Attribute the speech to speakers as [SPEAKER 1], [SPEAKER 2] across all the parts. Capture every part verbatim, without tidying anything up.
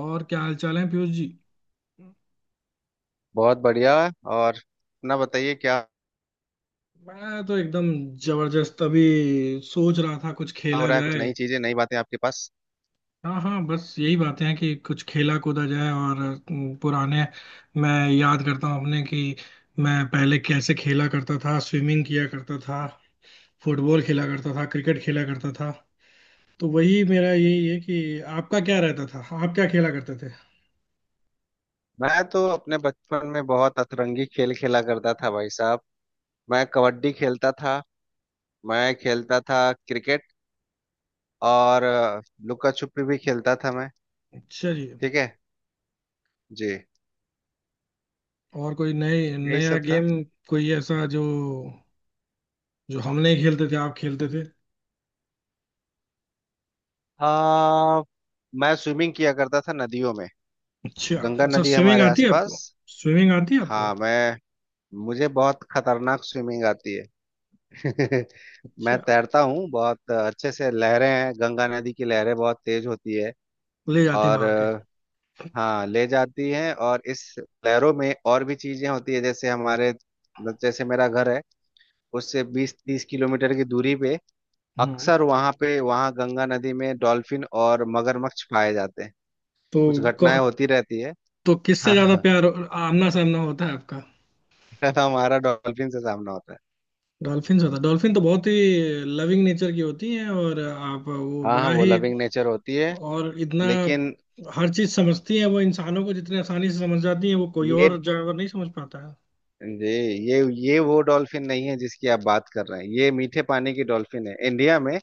[SPEAKER 1] और क्या हाल चाल है, पीयूष जी?
[SPEAKER 2] बहुत बढ़िया। और अपना बताइए क्या
[SPEAKER 1] मैं तो एकदम जबरदस्त। अभी सोच रहा था कुछ
[SPEAKER 2] हो
[SPEAKER 1] खेला
[SPEAKER 2] रहा है, कुछ
[SPEAKER 1] जाए।
[SPEAKER 2] नई चीजें नई बातें आपके पास?
[SPEAKER 1] हाँ हाँ, बस यही बातें हैं कि कुछ खेला कूदा जाए। और अम, पुराने, मैं याद करता हूँ अपने, कि मैं पहले कैसे खेला करता था। स्विमिंग किया करता था, फुटबॉल खेला करता था, क्रिकेट खेला करता था। तो वही, मेरा यही है कि आपका क्या रहता था, आप क्या खेला करते थे?
[SPEAKER 2] मैं तो अपने बचपन में बहुत अतरंगी खेल खेला करता था भाई साहब। मैं कबड्डी खेलता था। मैं खेलता था क्रिकेट। और अ, लुका छुपी भी खेलता था मैं।
[SPEAKER 1] अच्छा जी।
[SPEAKER 2] ठीक है। जी।
[SPEAKER 1] और कोई नए
[SPEAKER 2] यही
[SPEAKER 1] नया
[SPEAKER 2] सब था।
[SPEAKER 1] गेम? कोई ऐसा जो जो हम नहीं खेलते थे, आप खेलते थे?
[SPEAKER 2] आ, मैं स्विमिंग किया करता था नदियों में।
[SPEAKER 1] अच्छा
[SPEAKER 2] गंगा
[SPEAKER 1] अच्छा,
[SPEAKER 2] नदी है
[SPEAKER 1] स्विमिंग
[SPEAKER 2] हमारे
[SPEAKER 1] आती है आपको?
[SPEAKER 2] आसपास।
[SPEAKER 1] स्विमिंग आती है आपको?
[SPEAKER 2] हाँ मैं, मुझे बहुत खतरनाक स्विमिंग आती है। मैं
[SPEAKER 1] अच्छा,
[SPEAKER 2] तैरता हूँ बहुत अच्छे से, लहरें हैं गंगा नदी की, लहरें बहुत तेज होती है।
[SPEAKER 1] ले जाती
[SPEAKER 2] और
[SPEAKER 1] वहां के।
[SPEAKER 2] अ, हाँ ले जाती हैं, और इस लहरों में और भी चीजें होती है, जैसे हमारे, जैसे मेरा घर है, उससे बीस तीस किलोमीटर की दूरी पे
[SPEAKER 1] हम्म।
[SPEAKER 2] अक्सर वहाँ पे, वहाँ गंगा नदी में डॉल्फिन और मगरमच्छ पाए जाते हैं।
[SPEAKER 1] तो
[SPEAKER 2] कुछ
[SPEAKER 1] क-
[SPEAKER 2] घटनाएं होती रहती है।
[SPEAKER 1] तो किससे
[SPEAKER 2] हाँ
[SPEAKER 1] ज्यादा
[SPEAKER 2] हाँ।
[SPEAKER 1] प्यार, आमना सामना होता है आपका?
[SPEAKER 2] हमारा डॉल्फिन से सामना होता है।
[SPEAKER 1] डॉल्फिन से होता है? डॉल्फिन तो बहुत ही लविंग नेचर की होती है। और आप वो
[SPEAKER 2] हाँ हाँ,
[SPEAKER 1] बड़ा
[SPEAKER 2] वो
[SPEAKER 1] ही
[SPEAKER 2] लविंग नेचर होती है
[SPEAKER 1] और इतना
[SPEAKER 2] लेकिन
[SPEAKER 1] हर चीज समझती है वो। इंसानों को जितने आसानी से समझ जाती है वो, कोई
[SPEAKER 2] ये
[SPEAKER 1] और जानवर नहीं समझ पाता है।
[SPEAKER 2] ये ये ये वो डॉल्फिन नहीं है जिसकी आप बात कर रहे हैं, ये मीठे पानी की डॉल्फिन है, इंडिया में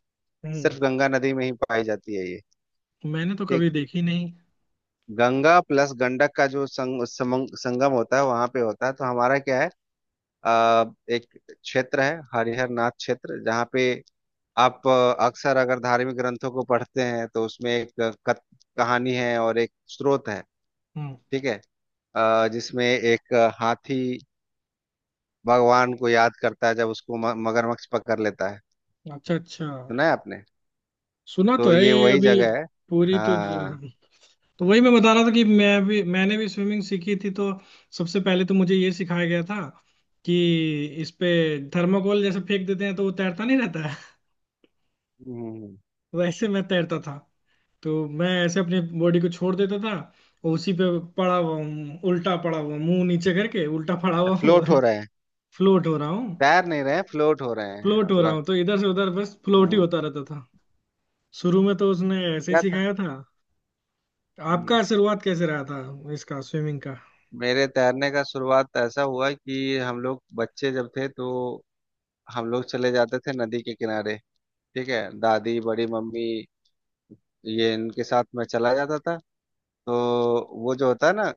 [SPEAKER 1] हम्म।
[SPEAKER 2] सिर्फ गंगा नदी में ही पाई जाती है ये।
[SPEAKER 1] मैंने तो
[SPEAKER 2] ठीक।
[SPEAKER 1] कभी देखी नहीं।
[SPEAKER 2] गंगा प्लस गंडक का जो संग, समंग, संगम होता है वहां पे होता है। तो हमारा क्या है, आ, एक क्षेत्र है हरिहर नाथ क्षेत्र जहाँ पे आप अ, अक्सर, अगर धार्मिक ग्रंथों को पढ़ते हैं तो उसमें एक कथ, कहानी है और एक स्रोत है।
[SPEAKER 1] हम्म।
[SPEAKER 2] ठीक है। अ, जिसमें एक हाथी भगवान को याद करता है जब उसको म- मगरमच्छ पकड़ लेता है।
[SPEAKER 1] अच्छा अच्छा।
[SPEAKER 2] सुना है आपने?
[SPEAKER 1] सुना तो
[SPEAKER 2] तो
[SPEAKER 1] है
[SPEAKER 2] ये
[SPEAKER 1] ये
[SPEAKER 2] वही
[SPEAKER 1] अभी।
[SPEAKER 2] जगह है।
[SPEAKER 1] पूरी तो जी-
[SPEAKER 2] हाँ।
[SPEAKER 1] हाँ। तो वही मैं बता रहा था कि
[SPEAKER 2] तो
[SPEAKER 1] मैं भी मैंने भी स्विमिंग सीखी थी। तो सबसे पहले तो मुझे ये सिखाया गया था कि इस पे थर्माकोल जैसे फेंक देते हैं तो वो तैरता नहीं रहता है।
[SPEAKER 2] हम्म।
[SPEAKER 1] वैसे मैं तैरता था तो मैं ऐसे अपनी बॉडी को छोड़ देता था, और उसी पे पड़ा हुआ हूँ, उल्टा पड़ा हुआ, मुंह नीचे करके उल्टा पड़ा हुआ हूँ।
[SPEAKER 2] फ्लोट हो रहे हैं,
[SPEAKER 1] फ्लोट हो रहा हूँ।
[SPEAKER 2] तैर नहीं रहे, फ्लोट हो रहे हैं
[SPEAKER 1] फ्लोट हो रहा
[SPEAKER 2] मतलब।
[SPEAKER 1] हूँ, तो इधर से उधर बस फ्लोट ही
[SPEAKER 2] हम्म।
[SPEAKER 1] होता रहता था। शुरू में तो उसने ऐसे ही
[SPEAKER 2] क्या था?
[SPEAKER 1] सिखाया था।
[SPEAKER 2] हम्म।
[SPEAKER 1] आपका शुरुआत कैसे रहा था इसका, स्विमिंग का?
[SPEAKER 2] मेरे तैरने का शुरुआत तो ऐसा हुआ कि हम लोग बच्चे जब थे तो हम लोग चले जाते थे नदी के किनारे। ठीक है, दादी, बड़ी मम्मी, ये इनके साथ मैं चला जाता था। तो वो जो होता है ना,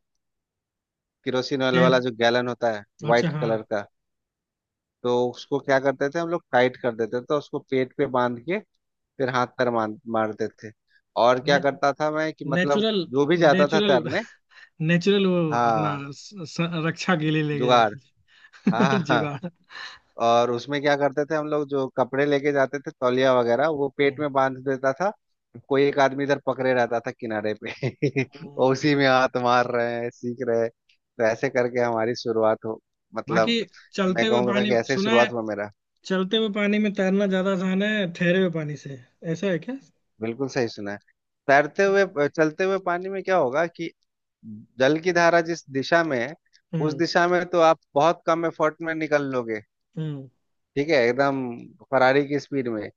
[SPEAKER 2] किरोसिन ऑयल वाला
[SPEAKER 1] चैन।
[SPEAKER 2] जो गैलन होता है,
[SPEAKER 1] अच्छा
[SPEAKER 2] वाइट
[SPEAKER 1] हाँ।
[SPEAKER 2] कलर का, तो उसको क्या करते थे हम लोग, टाइट कर देते थे तो उसको पेट पे बांध के फिर हाथ पैर मार मारते थे। और क्या करता था मैं कि मतलब
[SPEAKER 1] नेचुरल
[SPEAKER 2] जो भी जाता था
[SPEAKER 1] नेचुरल
[SPEAKER 2] तैरने।
[SPEAKER 1] नेचुरल, वो अपना
[SPEAKER 2] हाँ,
[SPEAKER 1] स, स, रक्षा के लिए ले गए
[SPEAKER 2] जुगाड़।
[SPEAKER 1] जाते थे।
[SPEAKER 2] हाँ हाँ हाँ।
[SPEAKER 1] जुगाड़।
[SPEAKER 2] और उसमें क्या करते थे हम लोग, जो कपड़े लेके जाते थे तौलिया वगैरह, वो पेट
[SPEAKER 1] हम्म।
[SPEAKER 2] में बांध देता था। कोई एक आदमी इधर पकड़े रहता था किनारे पे और उसी में हाथ मार रहे हैं, सीख रहे हैं, तो ऐसे करके हमारी शुरुआत हो,
[SPEAKER 1] बाकी,
[SPEAKER 2] मतलब
[SPEAKER 1] चलते
[SPEAKER 2] मैं
[SPEAKER 1] हुए
[SPEAKER 2] कहूंगा
[SPEAKER 1] पानी
[SPEAKER 2] कि ऐसे ही
[SPEAKER 1] सुना है,
[SPEAKER 2] शुरुआत हुआ मेरा।
[SPEAKER 1] चलते हुए पानी में तैरना ज्यादा आसान है ठहरे हुए पानी से, ऐसा है क्या?
[SPEAKER 2] बिल्कुल सही सुना है। तैरते हुए, चलते हुए पानी में क्या होगा कि जल की धारा जिस दिशा में है, उस
[SPEAKER 1] हम्म
[SPEAKER 2] दिशा में तो आप बहुत कम एफर्ट में निकल लोगे।
[SPEAKER 1] हम्म।
[SPEAKER 2] ठीक है एकदम, फरारी की स्पीड में।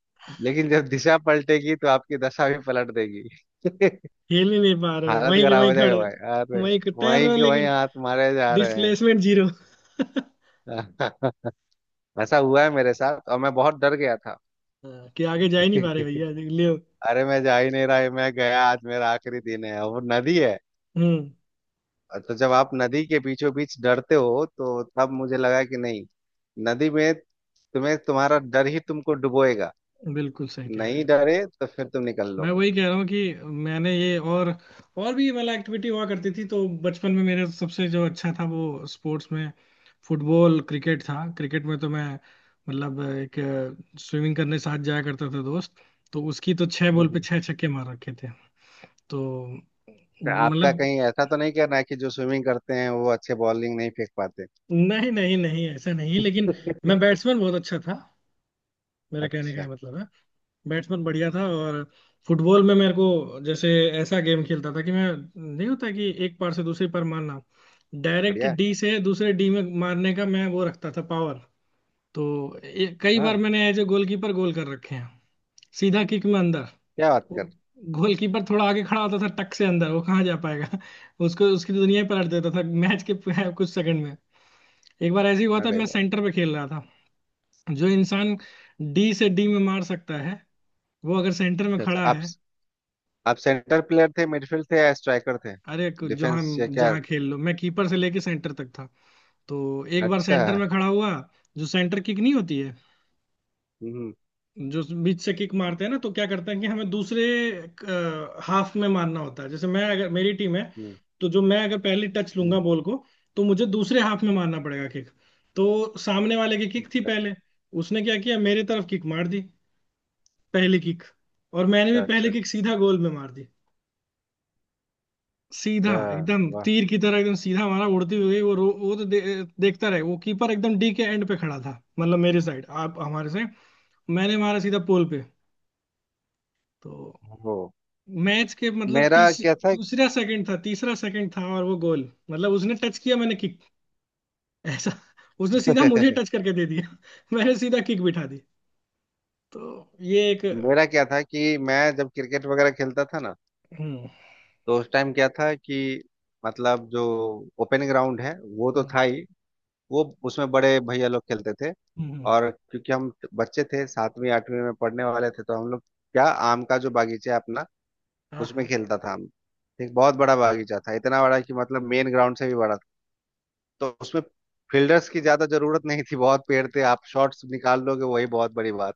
[SPEAKER 2] लेकिन जब दिशा पलटेगी तो आपकी दशा भी पलट देगी।
[SPEAKER 1] हिल ही नहीं पा रहे,
[SPEAKER 2] हालत
[SPEAKER 1] वहीं के
[SPEAKER 2] खराब
[SPEAKER 1] वहीं
[SPEAKER 2] हो जाएगा
[SPEAKER 1] खड़े
[SPEAKER 2] भाई,
[SPEAKER 1] हो।
[SPEAKER 2] अरे
[SPEAKER 1] वहीं के तैर
[SPEAKER 2] वहीं
[SPEAKER 1] रहे हो
[SPEAKER 2] के वहीं
[SPEAKER 1] लेकिन
[SPEAKER 2] हाथ मारे जा रहे हैं।
[SPEAKER 1] Displacement zero.
[SPEAKER 2] ऐसा हुआ है मेरे साथ और मैं बहुत डर गया था।
[SPEAKER 1] कि आगे जा ही नहीं पा रहे, भैया ले।
[SPEAKER 2] अरे मैं जा ही नहीं रहा, मैं गया, आज मेरा आखिरी दिन है, और वो नदी है।
[SPEAKER 1] हम्म।
[SPEAKER 2] तो जब आप नदी के बीचों बीच डरते हो तो तब मुझे लगा कि नहीं, नदी में तुम्हें तुम्हारा डर ही तुमको डुबोएगा,
[SPEAKER 1] बिल्कुल सही कह रहे
[SPEAKER 2] नहीं
[SPEAKER 1] हो।
[SPEAKER 2] डरे तो फिर तुम निकल
[SPEAKER 1] मैं
[SPEAKER 2] लोगे।
[SPEAKER 1] वही कह रहा हूँ कि मैंने ये, और और भी मतलब एक्टिविटी हुआ करती थी। तो बचपन में मेरा सबसे जो अच्छा था वो स्पोर्ट्स में फुटबॉल क्रिकेट था। क्रिकेट में तो मैं मतलब एक, स्विमिंग करने साथ जाया करते थे दोस्त, तो उसकी तो छह बॉल पे
[SPEAKER 2] हम्म।
[SPEAKER 1] छह छक्के मार रखे थे। तो
[SPEAKER 2] फिर आपका
[SPEAKER 1] मतलब
[SPEAKER 2] कहीं ऐसा तो नहीं कहना है कि जो स्विमिंग करते हैं वो अच्छे बॉलिंग नहीं फेंक पाते?
[SPEAKER 1] नहीं नहीं नहीं, ऐसा नहीं, लेकिन
[SPEAKER 2] हम्म।
[SPEAKER 1] मैं बैट्समैन बहुत अच्छा था, मेरे कहने का ये
[SPEAKER 2] अच्छा,
[SPEAKER 1] मतलब है। बैट्समैन बढ़िया था। और फुटबॉल में मेरे को जैसे, ऐसा गेम खेलता था कि मैं नहीं होता कि एक पार से दूसरी पार मारना, डायरेक्ट
[SPEAKER 2] बढ़िया।
[SPEAKER 1] डी से दूसरे डी में मारने का मैं वो रखता था पावर। तो ये- कई बार
[SPEAKER 2] हाँ,
[SPEAKER 1] मैंने एज ए गोलकीपर गोल कर रखे हैं। सीधा किक में अंदर।
[SPEAKER 2] क्या बात
[SPEAKER 1] वो
[SPEAKER 2] कर।
[SPEAKER 1] गोलकीपर थोड़ा आगे खड़ा होता था, टक से अंदर, वो कहाँ जा पाएगा। उसको उसकी दुनिया ही पलट देता था मैच के कुछ सेकंड में। एक बार ऐसे ही हुआ था,
[SPEAKER 2] अरे
[SPEAKER 1] मैं
[SPEAKER 2] वाह।
[SPEAKER 1] सेंटर पे खेल रहा था। जो इंसान डी से डी में मार सकता है, वो अगर सेंटर में
[SPEAKER 2] अच्छा अच्छा,
[SPEAKER 1] खड़ा
[SPEAKER 2] आप
[SPEAKER 1] है।
[SPEAKER 2] आप सेंटर प्लेयर थे, मिडफील्ड थे या स्ट्राइकर थे?
[SPEAKER 1] अरे कु- जहाँ
[SPEAKER 2] डिफेंस या क्या?
[SPEAKER 1] जहाँ खेल लो, मैं कीपर से लेके सेंटर तक था। तो एक बार
[SPEAKER 2] अच्छा।
[SPEAKER 1] सेंटर में खड़ा हुआ। जो सेंटर किक नहीं होती है,
[SPEAKER 2] हम्म।
[SPEAKER 1] जो बीच से किक मारते हैं ना, तो क्या करते हैं कि हमें दूसरे हाफ में मारना होता है। जैसे मैं अगर, मेरी टीम है,
[SPEAKER 2] हम्म।
[SPEAKER 1] तो जो मैं अगर पहली टच
[SPEAKER 2] हम्म।
[SPEAKER 1] लूंगा बॉल को, तो मुझे दूसरे हाफ में मारना पड़ेगा किक। तो सामने वाले की
[SPEAKER 2] हम्म।
[SPEAKER 1] किक थी
[SPEAKER 2] अच्छा
[SPEAKER 1] पहले। उसने क्या किया, मेरे तरफ किक मार दी, पहली किक। और मैंने भी
[SPEAKER 2] अच्छा
[SPEAKER 1] पहली
[SPEAKER 2] अच्छा
[SPEAKER 1] किक सीधा गोल में मार दी। सीधा
[SPEAKER 2] अच्छा,
[SPEAKER 1] एकदम
[SPEAKER 2] वाह।
[SPEAKER 1] तीर की तरह, एकदम सीधा हमारा उड़ती हुई वो रो- वो तो दे, देखता रहे वो कीपर। एकदम डी के एंड पे खड़ा था, मतलब मेरी साइड, आप हमारे से। मैंने मारा सीधा पोल पे। तो
[SPEAKER 2] हो।
[SPEAKER 1] मैच के मतलब
[SPEAKER 2] मेरा
[SPEAKER 1] तीस,
[SPEAKER 2] क्या था?
[SPEAKER 1] दूसरा सेकंड था, तीसरा सेकंड था, और वो गोल। मतलब उसने टच किया, मैंने किक। ऐसा उसने सीधा मुझे टच करके दे दिया, मैंने सीधा किक बिठा दी। तो ये एक।
[SPEAKER 2] मेरा क्या था कि मैं जब क्रिकेट वगैरह खेलता था ना,
[SPEAKER 1] हम्म
[SPEAKER 2] तो उस टाइम क्या था कि मतलब जो ओपन ग्राउंड है, वो तो
[SPEAKER 1] हम्म
[SPEAKER 2] था ही, वो उसमें बड़े भैया लोग खेलते थे।
[SPEAKER 1] हम्म।
[SPEAKER 2] और क्योंकि हम बच्चे थे, सातवीं आठवीं में पढ़ने वाले थे, तो हम लोग क्या, आम का जो बागीचा है अपना,
[SPEAKER 1] हाँ
[SPEAKER 2] उसमें
[SPEAKER 1] हाँ,
[SPEAKER 2] खेलता था हम। एक बहुत बड़ा बागीचा था, इतना बड़ा कि मतलब मेन ग्राउंड से भी बड़ा था। तो उसमें फील्डर्स की ज्यादा जरूरत नहीं थी, बहुत पेड़ थे, आप शॉट्स निकाल लोगे वही बहुत बड़ी बात।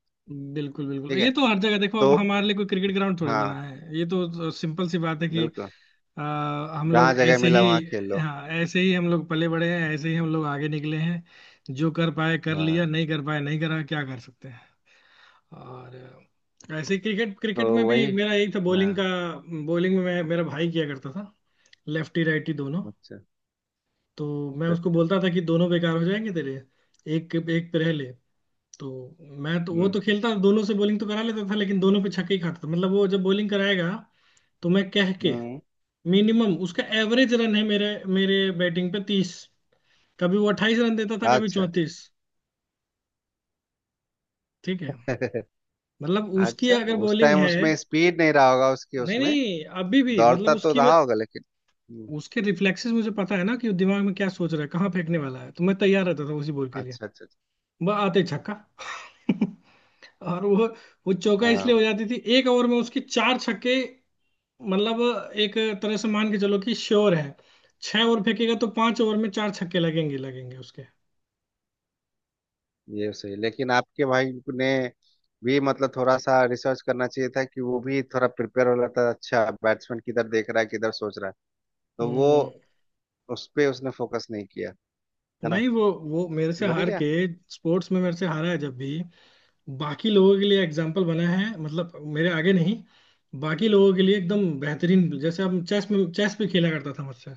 [SPEAKER 1] बिल्कुल बिल्कुल,
[SPEAKER 2] ठीक है।
[SPEAKER 1] ये तो हर जगह, देखो अब
[SPEAKER 2] तो
[SPEAKER 1] हमारे लिए कोई क्रिकेट ग्राउंड थोड़े बना
[SPEAKER 2] हाँ
[SPEAKER 1] है। ये तो सिंपल सी बात है कि
[SPEAKER 2] बिल्कुल,
[SPEAKER 1] अ, हम
[SPEAKER 2] जहाँ
[SPEAKER 1] लोग
[SPEAKER 2] जगह
[SPEAKER 1] ऐसे ही,
[SPEAKER 2] मिला वहाँ खेल लो।
[SPEAKER 1] हाँ, ऐसे ही हम लोग पले बड़े हैं, ऐसे ही हम लोग आगे निकले हैं। जो कर पाए कर लिया,
[SPEAKER 2] हाँ।
[SPEAKER 1] नहीं कर पाए नहीं करा, क्या कर सकते हैं। और अ, ऐसे ही क्रिकेट,
[SPEAKER 2] तो
[SPEAKER 1] क्रिकेट में भी
[SPEAKER 2] वही।
[SPEAKER 1] मेरा यही था, बॉलिंग
[SPEAKER 2] हाँ।
[SPEAKER 1] का। बॉलिंग में मैं मेरा भाई किया करता था लेफ्टी राइटी दोनों।
[SPEAKER 2] अच्छा
[SPEAKER 1] तो मैं
[SPEAKER 2] अच्छा।
[SPEAKER 1] उसको बोलता था कि दोनों बेकार हो जाएंगे तेरे, एक एक पे रह ले। तो मैं तो, वो
[SPEAKER 2] हम्म।
[SPEAKER 1] तो खेलता, दोनों से बॉलिंग तो करा लेता था, लेकिन दोनों पे छक्के ही खाता था। मतलब वो जब बॉलिंग कराएगा तो मैं, कह के,
[SPEAKER 2] हम्म।
[SPEAKER 1] मिनिमम उसका एवरेज रन है मेरे मेरे बैटिंग पे तीस। कभी वो अट्ठाईस रन देता था, कभी
[SPEAKER 2] अच्छा।
[SPEAKER 1] चौंतीस। ठीक है। मतलब उसकी
[SPEAKER 2] अच्छा,
[SPEAKER 1] अगर
[SPEAKER 2] उस
[SPEAKER 1] बॉलिंग
[SPEAKER 2] टाइम
[SPEAKER 1] है।
[SPEAKER 2] उसमें स्पीड नहीं रहा होगा उसकी
[SPEAKER 1] नहीं
[SPEAKER 2] उसमें,
[SPEAKER 1] नहीं, अभी भी मतलब
[SPEAKER 2] दौड़ता तो
[SPEAKER 1] उसकी
[SPEAKER 2] रहा होगा लेकिन। हम्म।
[SPEAKER 1] उसके रिफ्लेक्सेस मुझे पता है ना कि वो दिमाग में क्या सोच रहा है, कहाँ फेंकने वाला है। तो मैं तैयार रहता था उसी बॉल के लिए।
[SPEAKER 2] अच्छा अच्छा अच्छा,
[SPEAKER 1] वह आते ही छक्का। और वो वो चौका,
[SPEAKER 2] हाँ,
[SPEAKER 1] इसलिए हो जाती थी एक ओवर में उसके चार छक्के। मतलब एक तरह से मान के चलो कि श्योर है, छह ओवर फेंकेगा तो पांच ओवर में चार छक्के लगेंगे लगेंगे उसके।
[SPEAKER 2] ये सही। लेकिन आपके भाई ने भी मतलब थोड़ा सा रिसर्च करना चाहिए था कि वो भी थोड़ा प्रिपेयर हो रहा था, अच्छा बैट्समैन किधर देख रहा है, किधर सोच रहा है। तो वो,
[SPEAKER 1] हम्म।
[SPEAKER 2] उस पे उसने फोकस नहीं किया, है ना?
[SPEAKER 1] नहीं वो वो मेरे से हार के,
[SPEAKER 2] बढ़िया।
[SPEAKER 1] स्पोर्ट्स में मेरे से हारा है जब भी, बाकी लोगों के लिए एग्जाम्पल बना है। मतलब मेरे आगे नहीं, बाकी लोगों के लिए एकदम बेहतरीन। जैसे अब चेस में, चेस भी खेला करता था मुझसे।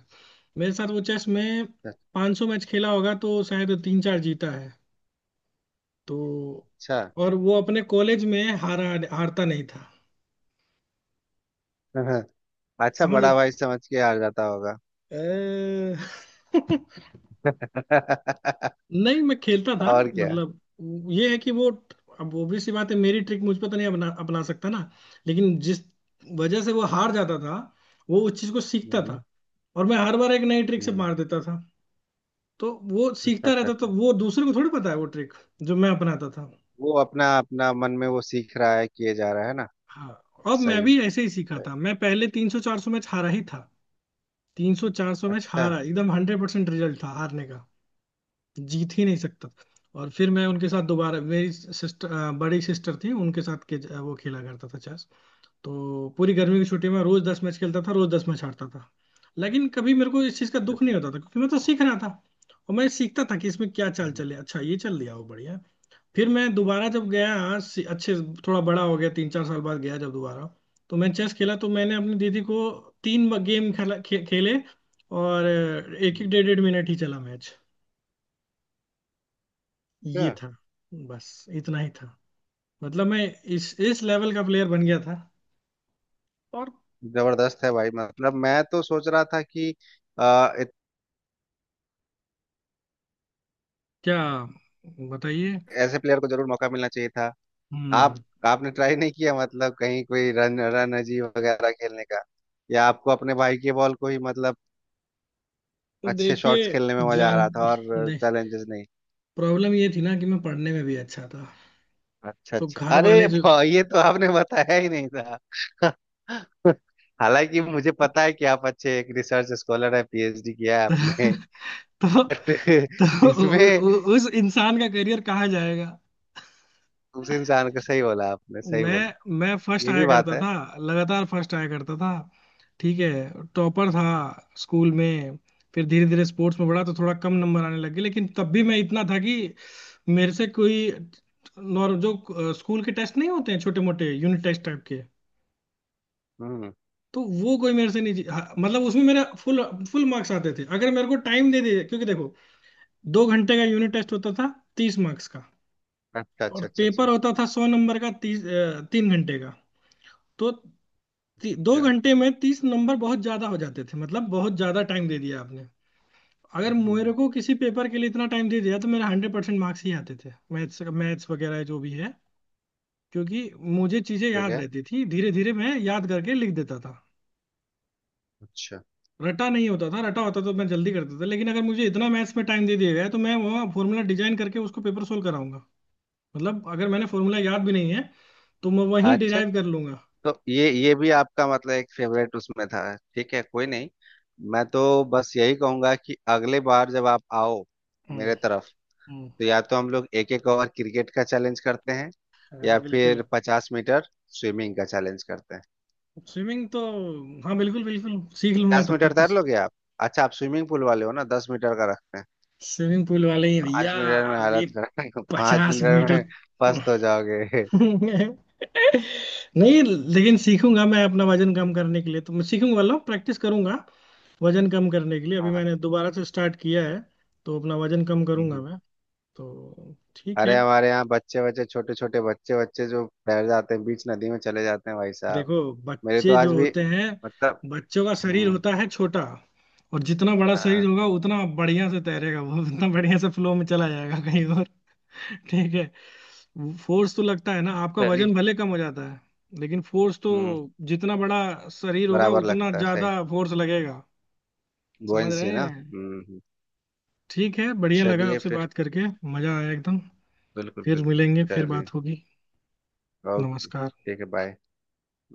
[SPEAKER 1] मेरे साथ वो चेस में पाँच सौ मैच खेला होगा तो शायद तीन चार जीता है। तो,
[SPEAKER 2] अच्छा।
[SPEAKER 1] और वो अपने कॉलेज में हारा, हारता नहीं था।
[SPEAKER 2] अच्छा,
[SPEAKER 1] समझ
[SPEAKER 2] बड़ा
[SPEAKER 1] रहे
[SPEAKER 2] भाई समझ के हार जाता होगा।
[SPEAKER 1] अ- नहीं, मैं खेलता था
[SPEAKER 2] और क्या?
[SPEAKER 1] मतलब, ये है कि वो, अब obvious सी बात है, मेरी ट्रिक मुझ पर तो नहीं अपना, अपना सकता ना। लेकिन जिस वजह से वो हार जाता था, वो उस चीज को सीखता
[SPEAKER 2] हम्म।
[SPEAKER 1] था, और मैं हर बार एक नई ट्रिक से
[SPEAKER 2] हम्म।
[SPEAKER 1] मार देता था। तो वो
[SPEAKER 2] अच्छा
[SPEAKER 1] सीखता
[SPEAKER 2] अच्छा
[SPEAKER 1] रहता, तो
[SPEAKER 2] अच्छा,
[SPEAKER 1] वो दूसरे को थोड़ी पता है वो ट्रिक जो मैं अपनाता था।
[SPEAKER 2] वो अपना अपना मन में वो सीख रहा है, किए जा रहा है ना।
[SPEAKER 1] हाँ, अब मैं
[SPEAKER 2] सही
[SPEAKER 1] भी ऐसे ही सीखा
[SPEAKER 2] सही।
[SPEAKER 1] था। मैं पहले तीन सौ चार सौ मैच हारा ही था। तीन सौ चार सौ मैच
[SPEAKER 2] अच्छा अच्छा
[SPEAKER 1] हारा, एकदम हंड्रेड परसेंट रिजल्ट था हारने का, जीत ही नहीं सकता। और फिर मैं उनके साथ दोबारा, मेरी सिस्टर, बड़ी सिस्टर थी, उनके साथ के अ, वो खेला करता था चेस। तो पूरी गर्मी की छुट्टी में रोज दस मैच खेलता था, रोज दस मैच हारता था। लेकिन कभी मेरे को इस चीज का दुख नहीं
[SPEAKER 2] अच्छा।
[SPEAKER 1] होता था, क्योंकि मैं तो सीख रहा था। और मैं सीखता था कि इसमें क्या चाल
[SPEAKER 2] हम्म।
[SPEAKER 1] चले, अच्छा ये चल दिया वो बढ़िया। फिर मैं दोबारा जब गया, सी- अच्छे थोड़ा बड़ा हो गया, तीन चार साल बाद गया जब दोबारा, तो मैं चेस खेला, तो मैंने अपनी दीदी को तीन गेम खेला खे, खेले। और एक एक
[SPEAKER 2] हम्म।
[SPEAKER 1] डेढ़ डेढ़ मिनट ही चला मैच। ये
[SPEAKER 2] क्या?
[SPEAKER 1] था, बस इतना ही था। मतलब मैं इस इस लेवल का प्लेयर बन गया था। और
[SPEAKER 2] जबरदस्त है भाई, मतलब मैं तो सोच रहा था कि आ, इत-
[SPEAKER 1] क्या बताइए।
[SPEAKER 2] ऐसे प्लेयर को जरूर मौका मिलना चाहिए था। आप,
[SPEAKER 1] हम्म।
[SPEAKER 2] आपने ट्राई नहीं किया मतलब कहीं कोई रन रन अजीब वगैरह खेलने का, या आपको अपने भाई के बॉल को ही मतलब अच्छे शॉट्स
[SPEAKER 1] देखिए,
[SPEAKER 2] खेलने में मजा आ
[SPEAKER 1] जान,
[SPEAKER 2] रहा था और
[SPEAKER 1] नहीं,
[SPEAKER 2] चैलेंजेस नहीं?
[SPEAKER 1] प्रॉब्लम ये थी ना कि मैं पढ़ने में भी अच्छा था।
[SPEAKER 2] अच्छा
[SPEAKER 1] तो
[SPEAKER 2] अच्छा,
[SPEAKER 1] घर
[SPEAKER 2] अरे
[SPEAKER 1] वाले जो,
[SPEAKER 2] वाह, ये तो आपने बताया ही नहीं था। हालांकि मुझे पता है कि आप अच्छे एक रिसर्च स्कॉलर हैं, पीएचडी किया है
[SPEAKER 1] तो,
[SPEAKER 2] आपने, बट
[SPEAKER 1] तो, उ,
[SPEAKER 2] इसमें,
[SPEAKER 1] उ, उस इंसान का करियर कहाँ जाएगा।
[SPEAKER 2] उस इंसान का सही बोला आपने, सही
[SPEAKER 1] मैं
[SPEAKER 2] बोला।
[SPEAKER 1] मैं फर्स्ट
[SPEAKER 2] ये भी
[SPEAKER 1] आया
[SPEAKER 2] बात
[SPEAKER 1] करता
[SPEAKER 2] है।
[SPEAKER 1] था, लगातार फर्स्ट आया करता था। ठीक है, टॉपर था स्कूल में। फिर धीरे धीरे स्पोर्ट्स में बढ़ा तो थोड़ा कम नंबर आने लगे, लेकिन तब भी मैं इतना था कि मेरे से कोई, नॉर्म जो अ, स्कूल के टेस्ट नहीं होते हैं, छोटे मोटे यूनिट टेस्ट टाइप के,
[SPEAKER 2] हम्म।
[SPEAKER 1] तो वो कोई मेरे से नहीं जी- हाँ, मतलब उसमें मेरा फुल फुल मार्क्स आते थे अगर मेरे को टाइम दे दे, क्योंकि देखो, दो घंटे का यूनिट टेस्ट होता था, तीस मार्क्स का।
[SPEAKER 2] अच्छा
[SPEAKER 1] और
[SPEAKER 2] अच्छा अच्छा
[SPEAKER 1] पेपर
[SPEAKER 2] अच्छा।
[SPEAKER 1] होता था सौ नंबर का, तीस अ, तीन घंटे का। तो ती, दो
[SPEAKER 2] क्या?
[SPEAKER 1] घंटे में तीस नंबर बहुत ज्यादा हो जाते थे, मतलब बहुत ज्यादा टाइम दे दिया आपने। अगर मेरे
[SPEAKER 2] हम्म।
[SPEAKER 1] को किसी पेपर के लिए इतना टाइम दे दिया तो मेरे हंड्रेड परसेंट मार्क्स ही आते थे, मैथ्स, मैथ्स वगैरह जो भी है। क्योंकि मुझे चीजें
[SPEAKER 2] ठीक
[SPEAKER 1] याद
[SPEAKER 2] है।
[SPEAKER 1] रहती थी, धीरे धीरे मैं याद करके लिख देता था।
[SPEAKER 2] अच्छा
[SPEAKER 1] रटा नहीं होता था, रटा होता तो मैं जल्दी करता था, लेकिन अगर मुझे इतना मैथ्स में टाइम दे दिया गया है, तो मैं वहाँ फॉर्मूला डिजाइन करके उसको पेपर सोल्व कराऊंगा। मतलब अगर मैंने फॉर्मूला याद भी नहीं है, तो मैं वहीं
[SPEAKER 2] अच्छा,
[SPEAKER 1] डिराइव कर लूंगा।
[SPEAKER 2] तो ये ये भी आपका मतलब एक फेवरेट उसमें था। ठीक है, कोई नहीं। मैं तो बस यही कहूंगा कि अगले बार जब आप आओ
[SPEAKER 1] हम्म
[SPEAKER 2] मेरे तरफ,
[SPEAKER 1] हम्म।
[SPEAKER 2] तो या तो हम लोग एक एक ओवर क्रिकेट का चैलेंज करते हैं,
[SPEAKER 1] हाँ
[SPEAKER 2] या फिर
[SPEAKER 1] बिल्कुल।
[SPEAKER 2] पचास मीटर स्विमिंग का चैलेंज करते हैं।
[SPEAKER 1] स्विमिंग तो, हाँ बिल्कुल बिल्कुल, सीख लूंगा
[SPEAKER 2] पचास
[SPEAKER 1] तब
[SPEAKER 2] मीटर
[SPEAKER 1] तक तो।
[SPEAKER 2] तैर लोगे आप? अच्छा, आप स्विमिंग पूल वाले हो ना, दस मीटर का रखते हैं?
[SPEAKER 1] स्विमिंग पूल वाले ही भैया।
[SPEAKER 2] पाँच मिनट में
[SPEAKER 1] अभी
[SPEAKER 2] हालत खराब। पाँच
[SPEAKER 1] पचास
[SPEAKER 2] मिनट
[SPEAKER 1] मीटर
[SPEAKER 2] में फर्स्ट हो जाओगे।
[SPEAKER 1] नहीं, लेकिन सीखूंगा मैं। अपना वजन कम करने के लिए तो मैं सीखूंगा वाला प्रैक्टिस करूंगा। वजन कम करने के लिए अभी
[SPEAKER 2] हाँ।
[SPEAKER 1] मैंने दोबारा से स्टार्ट किया है, तो अपना वजन कम
[SPEAKER 2] हम्म।
[SPEAKER 1] करूंगा
[SPEAKER 2] हम्म।
[SPEAKER 1] मैं। तो ठीक है।
[SPEAKER 2] अरे हमारे यहाँ बच्चे बच्चे, छोटे छोटे बच्चे बच्चे जो तैर जाते हैं, बीच नदी में चले जाते हैं भाई साहब।
[SPEAKER 1] देखो,
[SPEAKER 2] मेरे तो
[SPEAKER 1] बच्चे जो
[SPEAKER 2] आज भी
[SPEAKER 1] होते हैं,
[SPEAKER 2] मतलब,
[SPEAKER 1] बच्चों का शरीर
[SPEAKER 2] हम्म,
[SPEAKER 1] होता है छोटा। और जितना बड़ा शरीर
[SPEAKER 2] हाँ,
[SPEAKER 1] होगा, उतना बढ़िया से तैरेगा वो, उतना बढ़िया से फ्लो में चला जाएगा कहीं तो। ठीक है। फोर्स तो लगता है ना, आपका
[SPEAKER 2] चलिए।
[SPEAKER 1] वजन भले कम हो जाता है, लेकिन फोर्स तो,
[SPEAKER 2] हम्म।
[SPEAKER 1] जितना बड़ा शरीर होगा
[SPEAKER 2] बराबर
[SPEAKER 1] उतना
[SPEAKER 2] लगता है, सही।
[SPEAKER 1] ज्यादा फोर्स लगेगा। समझ
[SPEAKER 2] गोइंसी
[SPEAKER 1] रहे
[SPEAKER 2] ना।
[SPEAKER 1] हैं।
[SPEAKER 2] हम्म हम्म।
[SPEAKER 1] ठीक है, बढ़िया लगा
[SPEAKER 2] चलिए
[SPEAKER 1] आपसे
[SPEAKER 2] फिर,
[SPEAKER 1] बात करके, मजा आया एकदम।
[SPEAKER 2] बिल्कुल
[SPEAKER 1] फिर
[SPEAKER 2] बिल्कुल।
[SPEAKER 1] मिलेंगे, फिर
[SPEAKER 2] चलिए,
[SPEAKER 1] बात होगी।
[SPEAKER 2] ओके
[SPEAKER 1] नमस्कार।
[SPEAKER 2] ठीक है, बाय।